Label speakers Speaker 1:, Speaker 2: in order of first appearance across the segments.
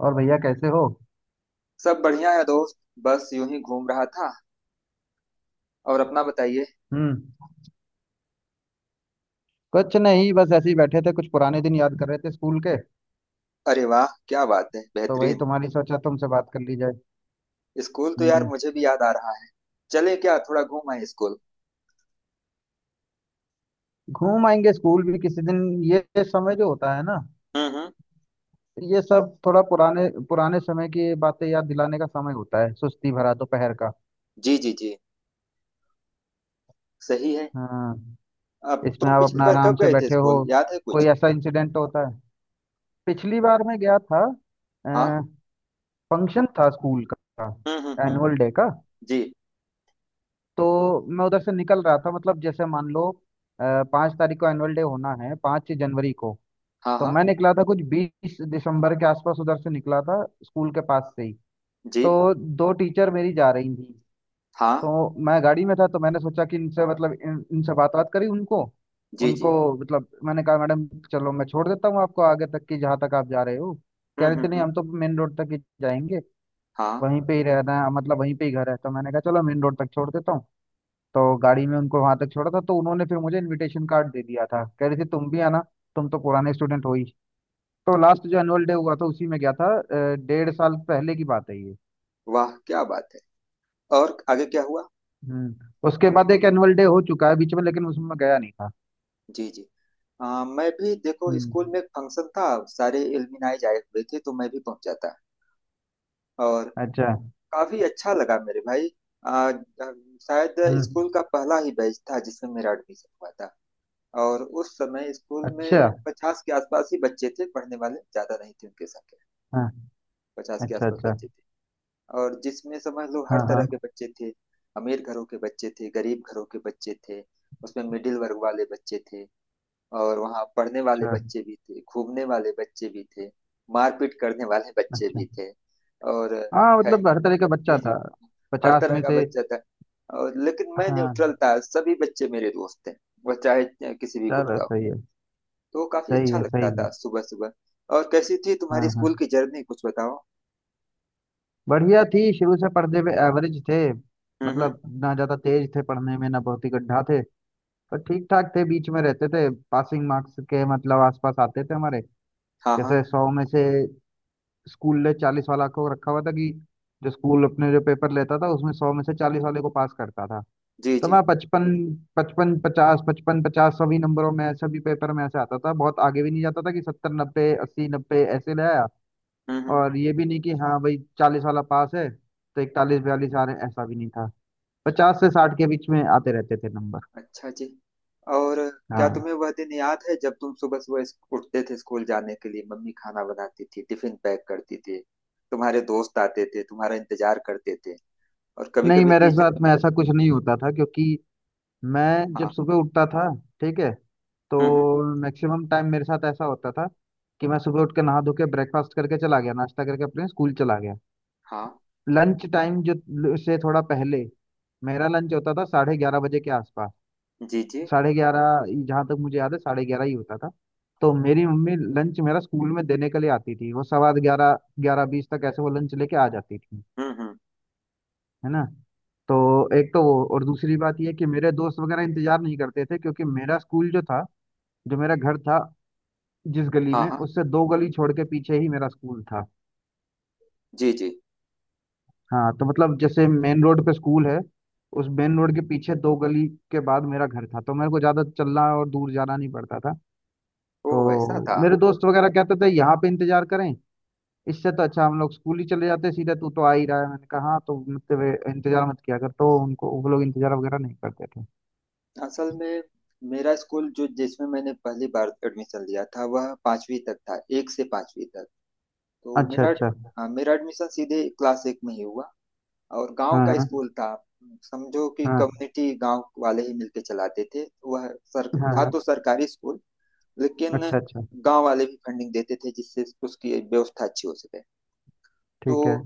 Speaker 1: और भैया कैसे हो?
Speaker 2: सब बढ़िया है दोस्त। बस यूं ही घूम रहा था। और अपना बताइए।
Speaker 1: हम्म। कुछ नहीं, बस ऐसे ही बैठे थे, कुछ पुराने दिन याद कर रहे थे स्कूल के।
Speaker 2: अरे वाह क्या बात है,
Speaker 1: तो वही
Speaker 2: बेहतरीन।
Speaker 1: तुम्हारी सोचा तुमसे बात कर ली जाए।
Speaker 2: स्कूल तो यार
Speaker 1: हम्म।
Speaker 2: मुझे भी याद आ रहा है। चले क्या थोड़ा घूम आए स्कूल।
Speaker 1: घूम आएंगे स्कूल भी किसी दिन। ये समय जो होता है ना,
Speaker 2: हम्म।
Speaker 1: ये सब थोड़ा पुराने पुराने समय की बातें याद दिलाने का समय होता है, सुस्ती भरा दोपहर का।
Speaker 2: जी जी जी। सही है।
Speaker 1: हाँ।
Speaker 2: अब
Speaker 1: इसमें
Speaker 2: तुम
Speaker 1: आप
Speaker 2: पिछली
Speaker 1: अपना
Speaker 2: बार
Speaker 1: आराम
Speaker 2: कब
Speaker 1: से
Speaker 2: गए थे
Speaker 1: बैठे हो।
Speaker 2: स्कूल, याद है
Speaker 1: कोई
Speaker 2: कुछ।
Speaker 1: ऐसा इंसिडेंट होता है। पिछली बार मैं गया था।
Speaker 2: हाँ।
Speaker 1: फंक्शन था स्कूल का,
Speaker 2: हम्म।
Speaker 1: एनुअल डे का।
Speaker 2: जी।
Speaker 1: तो मैं उधर से निकल रहा था, मतलब जैसे मान लो, अ, 5 तारीख को एनुअल डे होना है, 5 जनवरी को।
Speaker 2: हाँ
Speaker 1: तो
Speaker 2: हाँ।
Speaker 1: मैं निकला था कुछ 20 दिसंबर के आसपास, उधर से निकला था स्कूल के पास से ही।
Speaker 2: जी
Speaker 1: तो दो टीचर मेरी जा रही थी।
Speaker 2: हाँ।
Speaker 1: तो मैं गाड़ी में था, तो मैंने सोचा कि इनसे, मतलब इनसे बात बात करी उनको
Speaker 2: जी जी।
Speaker 1: उनको मतलब मैंने कहा मैडम, चलो मैं छोड़ देता हूँ आपको आगे तक की, जहाँ तक आप जा रहे हो। कह रहे थे नहीं,
Speaker 2: हम्म।
Speaker 1: हम तो मेन रोड तक ही जाएंगे।
Speaker 2: हाँ।
Speaker 1: वहीं पे ही रहना है, मतलब वहीं पे ही घर है। तो मैंने कहा चलो, मेन रोड तक छोड़ देता हूँ। तो गाड़ी में उनको वहां तक छोड़ा था। तो उन्होंने फिर मुझे इनविटेशन कार्ड दे दिया था, कह रहे थे तुम भी आना, तुम तो पुराने स्टूडेंट हो ही। तो लास्ट जो एनुअल डे हुआ था उसी में गया था, 1.5 साल पहले की बात है ये।
Speaker 2: वाह क्या बात है। और आगे क्या हुआ।
Speaker 1: हम्म। उसके बाद एक एनुअल डे हो चुका है बीच में, लेकिन उसमें मैं गया नहीं था।
Speaker 2: जी जी। मैं भी देखो
Speaker 1: हम्म।
Speaker 2: स्कूल में एक फंक्शन था। सारे एलुमनाई आए हुए थे तो मैं भी पहुंचा था। और
Speaker 1: अच्छा।
Speaker 2: काफी अच्छा लगा मेरे भाई। आ, अ, शायद
Speaker 1: हम्म।
Speaker 2: स्कूल का पहला ही बैच था जिसमें मेरा एडमिशन हुआ था। और उस समय स्कूल
Speaker 1: अच्छा।
Speaker 2: में 50 के आसपास ही बच्चे थे, पढ़ने वाले ज्यादा नहीं थे उनके संख्या।
Speaker 1: हाँ।
Speaker 2: पचास के
Speaker 1: अच्छा
Speaker 2: आसपास
Speaker 1: अच्छा।
Speaker 2: बच्चे थे। और जिसमें समझ लो हर
Speaker 1: हाँ
Speaker 2: तरह
Speaker 1: हाँ।
Speaker 2: के बच्चे थे। अमीर घरों के बच्चे थे, गरीब घरों के बच्चे थे। उसमें मिडिल वर्ग वाले बच्चे थे। और वहाँ पढ़ने वाले
Speaker 1: अच्छा
Speaker 2: बच्चे भी थे, घूमने वाले बच्चे भी थे, मारपीट करने वाले बच्चे भी
Speaker 1: अच्छा।
Speaker 2: थे। और
Speaker 1: हाँ, मतलब हर
Speaker 2: जी
Speaker 1: तरह का बच्चा
Speaker 2: जी
Speaker 1: था,
Speaker 2: हर
Speaker 1: पचास
Speaker 2: तरह
Speaker 1: में
Speaker 2: का
Speaker 1: से
Speaker 2: बच्चा था। और लेकिन मैं
Speaker 1: हाँ।
Speaker 2: न्यूट्रल था, सभी बच्चे मेरे दोस्त थे। वह चाहे किसी भी गुट
Speaker 1: चलो
Speaker 2: का हो।
Speaker 1: सही है।
Speaker 2: तो वो काफी
Speaker 1: सही
Speaker 2: अच्छा
Speaker 1: है
Speaker 2: लगता
Speaker 1: सही
Speaker 2: था
Speaker 1: है।
Speaker 2: सुबह सुबह। और कैसी थी तुम्हारी
Speaker 1: हाँ हाँ।
Speaker 2: स्कूल की जर्नी, कुछ बताओ।
Speaker 1: बढ़िया थी, शुरू से पढ़ने में एवरेज थे।
Speaker 2: हम्म।
Speaker 1: मतलब ना ज्यादा तेज थे पढ़ने में, ना बहुत ही गड्ढा थे। पर ठीक ठाक थे, बीच में रहते थे, पासिंग मार्क्स के मतलब आसपास आते थे हमारे।
Speaker 2: हाँ हाँ।
Speaker 1: जैसे 100 में से, स्कूल ने 40 वाला को रखा हुआ था, कि जो स्कूल अपने जो पेपर लेता था उसमें 100 में से 40 वाले को पास करता था।
Speaker 2: जी
Speaker 1: तो
Speaker 2: जी।
Speaker 1: मैं 55, 55, 50, 55, 50 सभी नंबरों में, सभी पेपर में ऐसे आता था, बहुत आगे भी नहीं जाता था कि 70, 90, 80, 90 ऐसे ले आया। और
Speaker 2: हम्म।
Speaker 1: ये भी नहीं कि हाँ भाई 40 वाला पास है तो 41, 42 आ रहे हैं, ऐसा भी नहीं था। 50 से 60 के बीच में आते रहते थे नंबर।
Speaker 2: अच्छा जी। और क्या
Speaker 1: हाँ।
Speaker 2: तुम्हें वह दिन याद है जब तुम सुबह सुबह उठते थे स्कूल जाने के लिए, मम्मी खाना बनाती थी टिफिन पैक करती थी। तुम्हारे दोस्त आते थे तुम्हारा इंतजार करते थे। और कभी
Speaker 1: नहीं,
Speaker 2: कभी
Speaker 1: मेरे
Speaker 2: टीचर।
Speaker 1: साथ में ऐसा कुछ नहीं होता था, क्योंकि मैं जब
Speaker 2: हाँ।
Speaker 1: सुबह उठता था, ठीक है, तो
Speaker 2: हम्म।
Speaker 1: मैक्सिमम टाइम मेरे साथ ऐसा होता था कि मैं सुबह उठ के नहा धो के ब्रेकफास्ट करके चला गया, नाश्ता करके अपने स्कूल चला गया।
Speaker 2: हाँ।
Speaker 1: लंच टाइम जो से थोड़ा पहले, मेरा लंच होता था 11:30 बजे के आसपास।
Speaker 2: जी जी।
Speaker 1: 11:30, जहाँ तक मुझे याद है 11:30 ही होता था। तो मेरी मम्मी लंच मेरा स्कूल में देने के लिए आती थी, वो 11:15, 11:20 तक ऐसे वो लंच लेके आ जाती थी।
Speaker 2: हम्म।
Speaker 1: है ना। तो एक तो वो, और दूसरी बात ये कि मेरे दोस्त वगैरह इंतजार नहीं करते थे क्योंकि मेरा स्कूल जो था, जो मेरा घर था, जिस गली
Speaker 2: हाँ
Speaker 1: में,
Speaker 2: हाँ।
Speaker 1: उससे दो गली छोड़ के पीछे ही मेरा स्कूल था।
Speaker 2: जी जी।
Speaker 1: हाँ, तो मतलब जैसे मेन रोड पे स्कूल है, उस मेन रोड के पीछे दो गली के बाद मेरा घर था, तो मेरे को ज्यादा चलना और दूर जाना नहीं पड़ता था।
Speaker 2: ओ
Speaker 1: तो
Speaker 2: ऐसा था।
Speaker 1: मेरे दोस्त वगैरह कहते थे यहाँ पे इंतजार करें, इससे तो अच्छा हम लोग स्कूल ही चले जाते सीधे, तू तो आ ही रहा है। मैंने कहा हाँ, तो मतलब ये इंतजार मत किया कर। तो उनको, वो लोग इंतजार वगैरह नहीं करते थे।
Speaker 2: असल में मेरा स्कूल जो जिसमें मैंने पहली बार एडमिशन लिया था वह पांचवी तक था, एक से पांचवी तक। तो
Speaker 1: अच्छा
Speaker 2: मेरा।
Speaker 1: अच्छा।
Speaker 2: हाँ, मेरा एडमिशन सीधे क्लास एक में ही हुआ। और गांव
Speaker 1: हाँ
Speaker 2: का
Speaker 1: हाँ।
Speaker 2: स्कूल था। समझो कि
Speaker 1: हाँ
Speaker 2: कम्युनिटी गांव वाले ही मिलके चलाते थे। वह सर
Speaker 1: हाँ
Speaker 2: था
Speaker 1: हाँ।
Speaker 2: तो सरकारी स्कूल, लेकिन
Speaker 1: अच्छा अच्छा।
Speaker 2: गांव वाले भी फंडिंग देते थे जिससे उसकी व्यवस्था अच्छी हो सके। तो
Speaker 1: ठीक है।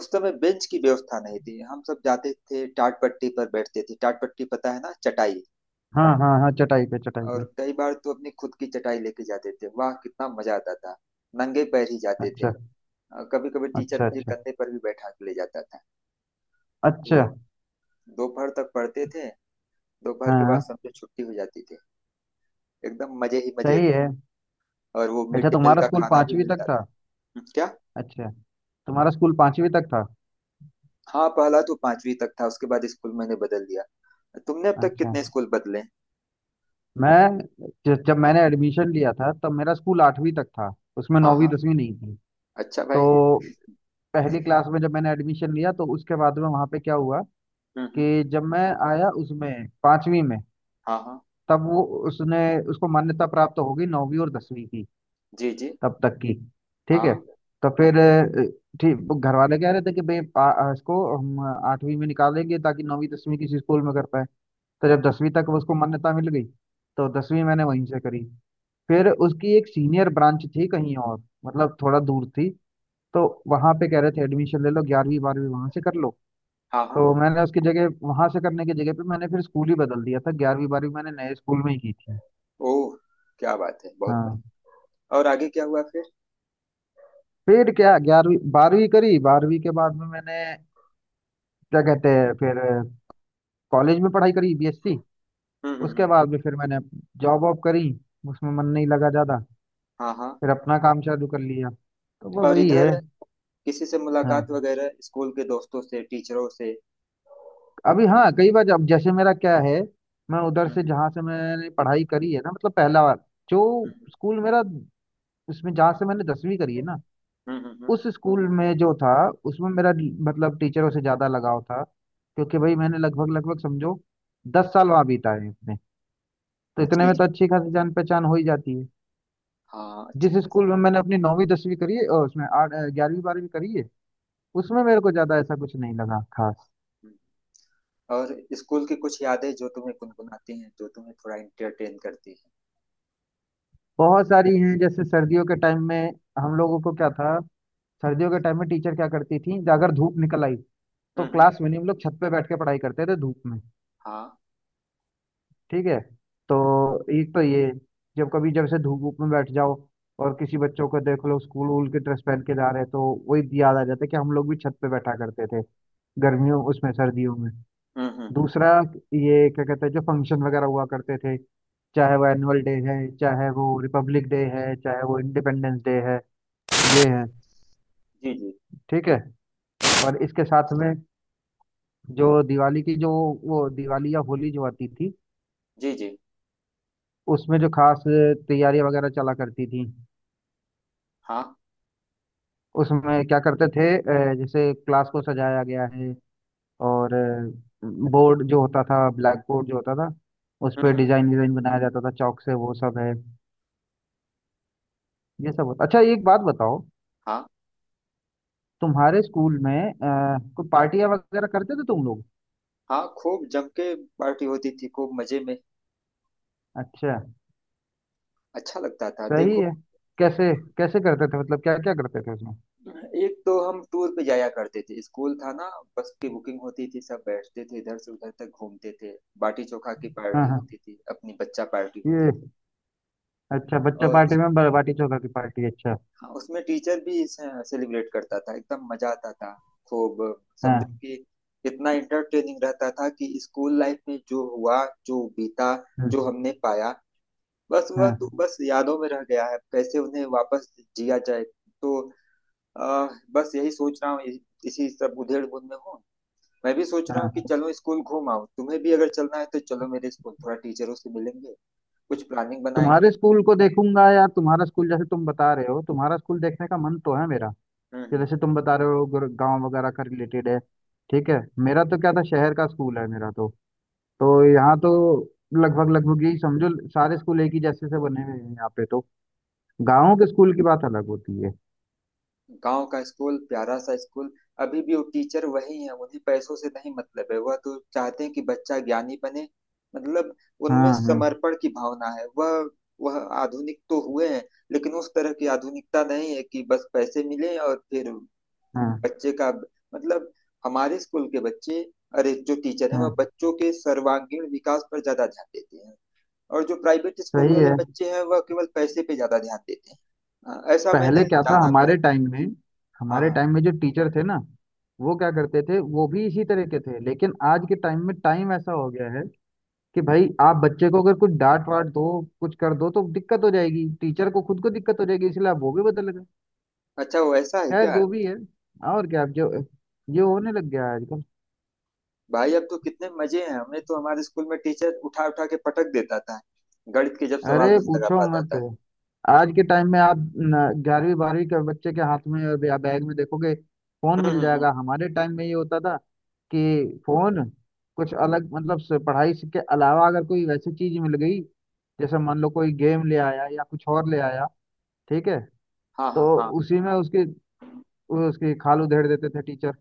Speaker 2: उस समय बेंच की व्यवस्था नहीं थी, हम सब जाते थे टाट पट्टी पर बैठते थे। टाट पट्टी पता है ना, चटाई।
Speaker 1: हाँ हाँ हाँ, चटाई पे, चटाई
Speaker 2: और
Speaker 1: पे।
Speaker 2: कई बार तो अपनी खुद की चटाई लेके जाते थे। वाह कितना मजा आता था। नंगे पैर ही जाते थे।
Speaker 1: अच्छा
Speaker 2: कभी कभी टीचर
Speaker 1: अच्छा।
Speaker 2: मुझे
Speaker 1: अच्छा
Speaker 2: कंधे पर भी बैठा के ले जाता था। तो
Speaker 1: अच्छा।
Speaker 2: दोपहर तक पढ़ते थे। दोपहर
Speaker 1: हाँ
Speaker 2: के बाद
Speaker 1: हाँ,
Speaker 2: समझो छुट्टी हो जाती थी। एकदम मजे ही मजे
Speaker 1: सही
Speaker 2: थे।
Speaker 1: है।
Speaker 2: और वो मिड
Speaker 1: अच्छा,
Speaker 2: डे मील
Speaker 1: तुम्हारा
Speaker 2: का
Speaker 1: स्कूल
Speaker 2: खाना भी
Speaker 1: पांचवी तक
Speaker 2: मिलता था।
Speaker 1: था?
Speaker 2: क्या।
Speaker 1: अच्छा। तुम्हारा स्कूल पांचवी तक था।
Speaker 2: हाँ पहला तो पांचवी तक था, उसके बाद स्कूल मैंने बदल दिया। तुमने अब तक
Speaker 1: अच्छा।
Speaker 2: कितने स्कूल बदले।
Speaker 1: मैं, जब मैंने एडमिशन लिया था तब मेरा स्कूल आठवीं तक था। उसमें
Speaker 2: हाँ
Speaker 1: नौवीं
Speaker 2: हाँ।
Speaker 1: दसवीं नहीं थी।
Speaker 2: अच्छा
Speaker 1: तो
Speaker 2: भाई।
Speaker 1: पहली क्लास में जब मैंने एडमिशन लिया, तो उसके बाद में वहाँ पे क्या हुआ
Speaker 2: हम्म।
Speaker 1: कि जब मैं आया उसमें पांचवी में,
Speaker 2: हाँ हाँ।
Speaker 1: तब वो, उसने, उसको मान्यता प्राप्त हो गई नौवीं और 10वीं की,
Speaker 2: जी जी।
Speaker 1: तब तक की। ठीक है।
Speaker 2: हाँ
Speaker 1: तो फिर ठीक, वो घर वाले कह रहे थे कि भाई, इसको हम आठवीं में निकालेंगे ताकि नौवीं दसवीं किसी स्कूल में कर पाए। तो जब 10वीं तक उसको मान्यता मिल गई, तो 10वीं मैंने वहीं से करी। फिर उसकी एक सीनियर ब्रांच थी कहीं, और मतलब थोड़ा दूर थी। तो वहां पे कह रहे थे एडमिशन ले लो, 11वीं 12वीं वहां से कर लो।
Speaker 2: हाँ हाँ।
Speaker 1: तो मैंने उसकी जगह, वहां से करने की जगह पे, मैंने फिर स्कूल ही बदल दिया था, 11वीं 12वीं मैंने नए स्कूल में ही की थी।
Speaker 2: ओह। क्या बात है, बहुत
Speaker 1: हाँ।
Speaker 2: बढ़िया। और आगे क्या हुआ फिर।
Speaker 1: फिर क्या, 11वीं 12वीं करी, 12वीं के बाद में मैंने क्या कहते हैं, फिर कॉलेज में पढ़ाई करी, बीएससी। उसके
Speaker 2: हम्म।
Speaker 1: बाद में फिर मैंने जॉब वॉब करी, उसमें मन नहीं लगा ज्यादा।
Speaker 2: हाँ हाँ।
Speaker 1: फिर अपना काम चालू कर लिया, तो वो
Speaker 2: और
Speaker 1: वही है।
Speaker 2: इधर किसी से
Speaker 1: हाँ।
Speaker 2: मुलाकात वगैरह, स्कूल के दोस्तों से, टीचरों से।
Speaker 1: अभी, हाँ कई बार, जब जैसे मेरा क्या है, मैं उधर से
Speaker 2: हम्म
Speaker 1: जहाँ से मैंने पढ़ाई करी है ना, मतलब पहला बार जो
Speaker 2: हम्म
Speaker 1: स्कूल मेरा, उसमें जहाँ से मैंने 10वीं करी है ना,
Speaker 2: हम्म। हम्म।
Speaker 1: उस स्कूल में जो था, उसमें मेरा, मतलब टीचरों से ज्यादा लगाव था, क्योंकि भाई मैंने लगभग लगभग समझो 10 साल वहाँ बिताए हैं अपने, तो इतने
Speaker 2: जी
Speaker 1: में तो
Speaker 2: जी।
Speaker 1: अच्छी खासी जान पहचान हो ही जाती है।
Speaker 2: हाँ
Speaker 1: जिस
Speaker 2: अच्छी
Speaker 1: स्कूल
Speaker 2: खासी।
Speaker 1: में मैंने अपनी नौवीं 10वीं करी है, और उसमें आठ 11वीं 12वीं करी है, उसमें मेरे को ज्यादा ऐसा कुछ नहीं लगा खास।
Speaker 2: हम्म। और स्कूल की कुछ यादें जो तुम्हें गुनगुनाती हैं, जो तुम्हें थोड़ा इंटरटेन करती हैं।
Speaker 1: बहुत सारी हैं, जैसे सर्दियों के टाइम में हम लोगों को क्या था, सर्दियों के टाइम में टीचर क्या करती थी, अगर धूप निकल आई तो
Speaker 2: हम्म।
Speaker 1: क्लास में नहीं, हम लोग छत पे बैठ के पढ़ाई करते थे धूप में।
Speaker 2: हाँ।
Speaker 1: ठीक है। तो एक तो ये, जब कभी जब से धूप, धूप में बैठ जाओ और किसी बच्चों को देख लो स्कूल वूल के ड्रेस पहन के जा रहे हैं, तो वही याद आ जाता है कि हम लोग भी छत पे बैठा करते थे गर्मियों, उसमें सर्दियों में।
Speaker 2: हम्म।
Speaker 1: दूसरा, ये क्या कहते हैं, जो फंक्शन वगैरह हुआ करते थे, चाहे वो एनुअल डे है, चाहे वो रिपब्लिक डे है, चाहे वो इंडिपेंडेंस डे है, ये है।
Speaker 2: जी जी।
Speaker 1: ठीक है। और इसके साथ में जो दिवाली की जो, वो दिवाली या होली जो आती थी,
Speaker 2: जी जी।
Speaker 1: उसमें जो खास तैयारियां वगैरह चला करती थी,
Speaker 2: हाँ।
Speaker 1: उसमें क्या करते थे, जैसे क्लास को सजाया गया है, और बोर्ड जो होता था, ब्लैक बोर्ड जो होता था, उस पर
Speaker 2: हम्म।
Speaker 1: डिजाइन डिजाइन बनाया जाता था चौक से, वो सब है। ये सब होता। अच्छा, एक बात बताओ,
Speaker 2: हाँ
Speaker 1: तुम्हारे स्कूल में कोई पार्टियां वगैरह करते थे तुम लोग?
Speaker 2: हाँ खूब जम के। पार्टी होती थी खूब मजे में।
Speaker 1: अच्छा।
Speaker 2: अच्छा लगता था
Speaker 1: सही
Speaker 2: देखो।
Speaker 1: है। कैसे कैसे करते थे, मतलब क्या क्या करते थे उसमें?
Speaker 2: एक तो हम टूर पे जाया करते थे, स्कूल था ना। बस की बुकिंग होती थी, सब बैठते थे इधर से उधर तक घूमते थे। बाटी चोखा की पार्टी
Speaker 1: हाँ
Speaker 2: होती थी, अपनी बच्चा पार्टी होती
Speaker 1: हाँ।
Speaker 2: थी।
Speaker 1: अच्छा, बच्चा
Speaker 2: और
Speaker 1: पार्टी में बाटी चोखा की पार्टी, अच्छा।
Speaker 2: उसमें टीचर भी सेलिब्रेट करता था, एकदम मजा आता था खूब। समझो
Speaker 1: हाँ।
Speaker 2: कि इतना इंटरटेनिंग रहता था कि स्कूल लाइफ में जो हुआ जो बीता जो
Speaker 1: हम्म।
Speaker 2: हमने पाया, बस वह तो
Speaker 1: हाँ
Speaker 2: बस यादों में रह गया है, कैसे उन्हें वापस जिया जाए। तो अ, बस यही सोच रहा हूँ। इसी सब उधेड़ बुन में हूँ। मैं भी सोच रहा
Speaker 1: हाँ,
Speaker 2: हूँ कि चलो स्कूल घूम आओ, तुम्हें भी अगर चलना है तो चलो मेरे स्कूल, थोड़ा टीचरों से मिलेंगे, कुछ प्लानिंग
Speaker 1: तुम्हारे
Speaker 2: बनाएंगे।
Speaker 1: स्कूल को देखूंगा यार, तुम्हारा स्कूल, जैसे तुम बता रहे हो तुम्हारा स्कूल, देखने का मन तो है मेरा। कि
Speaker 2: हम्म।
Speaker 1: जैसे तुम बता रहे हो, गांव वगैरह का रिलेटेड है। ठीक है। मेरा तो क्या था, शहर का स्कूल है मेरा तो यहाँ तो लगभग लगभग यही समझो सारे स्कूल एक ही जैसे से बने हुए हैं यहाँ पे, तो गाँव के स्कूल की बात अलग होती है।
Speaker 2: गांव का स्कूल, प्यारा सा स्कूल। अभी भी वो टीचर वही है, उन्हें पैसों से नहीं मतलब है, वह तो चाहते हैं कि बच्चा ज्ञानी बने। मतलब उनमें
Speaker 1: हाँ हाँ
Speaker 2: समर्पण की भावना है, वह आधुनिक तो हुए हैं लेकिन उस तरह की आधुनिकता नहीं है कि बस पैसे मिले और फिर
Speaker 1: हाँ
Speaker 2: बच्चे का, मतलब हमारे स्कूल के बच्चे, अरे जो टीचर हैं
Speaker 1: हाँ।
Speaker 2: वह बच्चों के सर्वांगीण विकास पर ज्यादा ध्यान देते हैं। और जो प्राइवेट स्कूल
Speaker 1: सही
Speaker 2: वाले
Speaker 1: है।
Speaker 2: बच्चे हैं वह केवल पैसे पे ज्यादा ध्यान देते हैं। हाँ, ऐसा
Speaker 1: पहले
Speaker 2: मैंने
Speaker 1: क्या था,
Speaker 2: जाना भी
Speaker 1: हमारे
Speaker 2: आगे।
Speaker 1: टाइम में,
Speaker 2: हाँ
Speaker 1: हमारे
Speaker 2: हाँ।
Speaker 1: टाइम में जो टीचर थे ना, वो क्या करते थे, वो भी इसी तरह के थे, लेकिन आज के टाइम में टाइम ऐसा हो गया है कि भाई, आप बच्चे को अगर कुछ डांट वाट दो, कुछ कर दो तो दिक्कत हो जाएगी, टीचर को खुद को दिक्कत हो जाएगी, इसलिए आप वो भी बदल गए।
Speaker 2: अच्छा वो ऐसा है
Speaker 1: खैर
Speaker 2: क्या।
Speaker 1: जो भी है, और क्या, अब जो ये होने लग गया है आजकल।
Speaker 2: भाई अब तो कितने मजे हैं, हमें तो हमारे स्कूल में टीचर उठा उठा के पटक देता था, गणित के जब सवाल
Speaker 1: अरे
Speaker 2: नहीं लगा
Speaker 1: पूछो
Speaker 2: पाता
Speaker 1: मत,
Speaker 2: था।
Speaker 1: आज के टाइम में आप 11वीं 12वीं के बच्चे के हाथ में और या बैग में देखोगे फोन मिल
Speaker 2: हम्म।
Speaker 1: जाएगा। हमारे टाइम में ये होता था कि फोन, कुछ अलग मतलब से, के अलावा अगर कोई वैसी चीज मिल गई, जैसे मान लो कोई गेम ले आया या कुछ और ले आया, ठीक है,
Speaker 2: हाँ
Speaker 1: तो
Speaker 2: हाँ हाँ।
Speaker 1: उसी में उसकी उसकी खाल उधेड़ देते थे टीचर।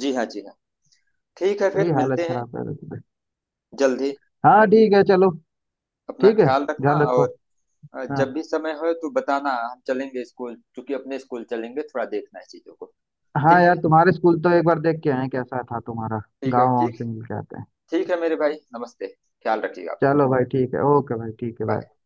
Speaker 2: जी हाँ जी हाँ। ठीक है
Speaker 1: बड़ी
Speaker 2: फिर
Speaker 1: हालत
Speaker 2: मिलते हैं।
Speaker 1: खराब कर देते थे।
Speaker 2: जल्दी।
Speaker 1: हाँ ठीक है, चलो।
Speaker 2: अपना
Speaker 1: ठीक है,
Speaker 2: ख्याल रखना।
Speaker 1: ध्यान रखो।
Speaker 2: और
Speaker 1: हाँ
Speaker 2: जब भी समय हो तो बताना, हम चलेंगे स्कूल, क्योंकि अपने स्कूल चलेंगे, थोड़ा देखना है चीजों को।
Speaker 1: हाँ,
Speaker 2: ठीक है।
Speaker 1: यार तुम्हारे स्कूल तो एक बार देख के आए हैं, कैसा था तुम्हारा
Speaker 2: ठीक है
Speaker 1: गाँव वाँव
Speaker 2: ठीक।
Speaker 1: से मिल के आते हैं।
Speaker 2: ठीक है मेरे भाई, नमस्ते। ख्याल रखिएगा अपना।
Speaker 1: चलो भाई, ठीक है, ओके भाई, ठीक है, बाय।
Speaker 2: बाय।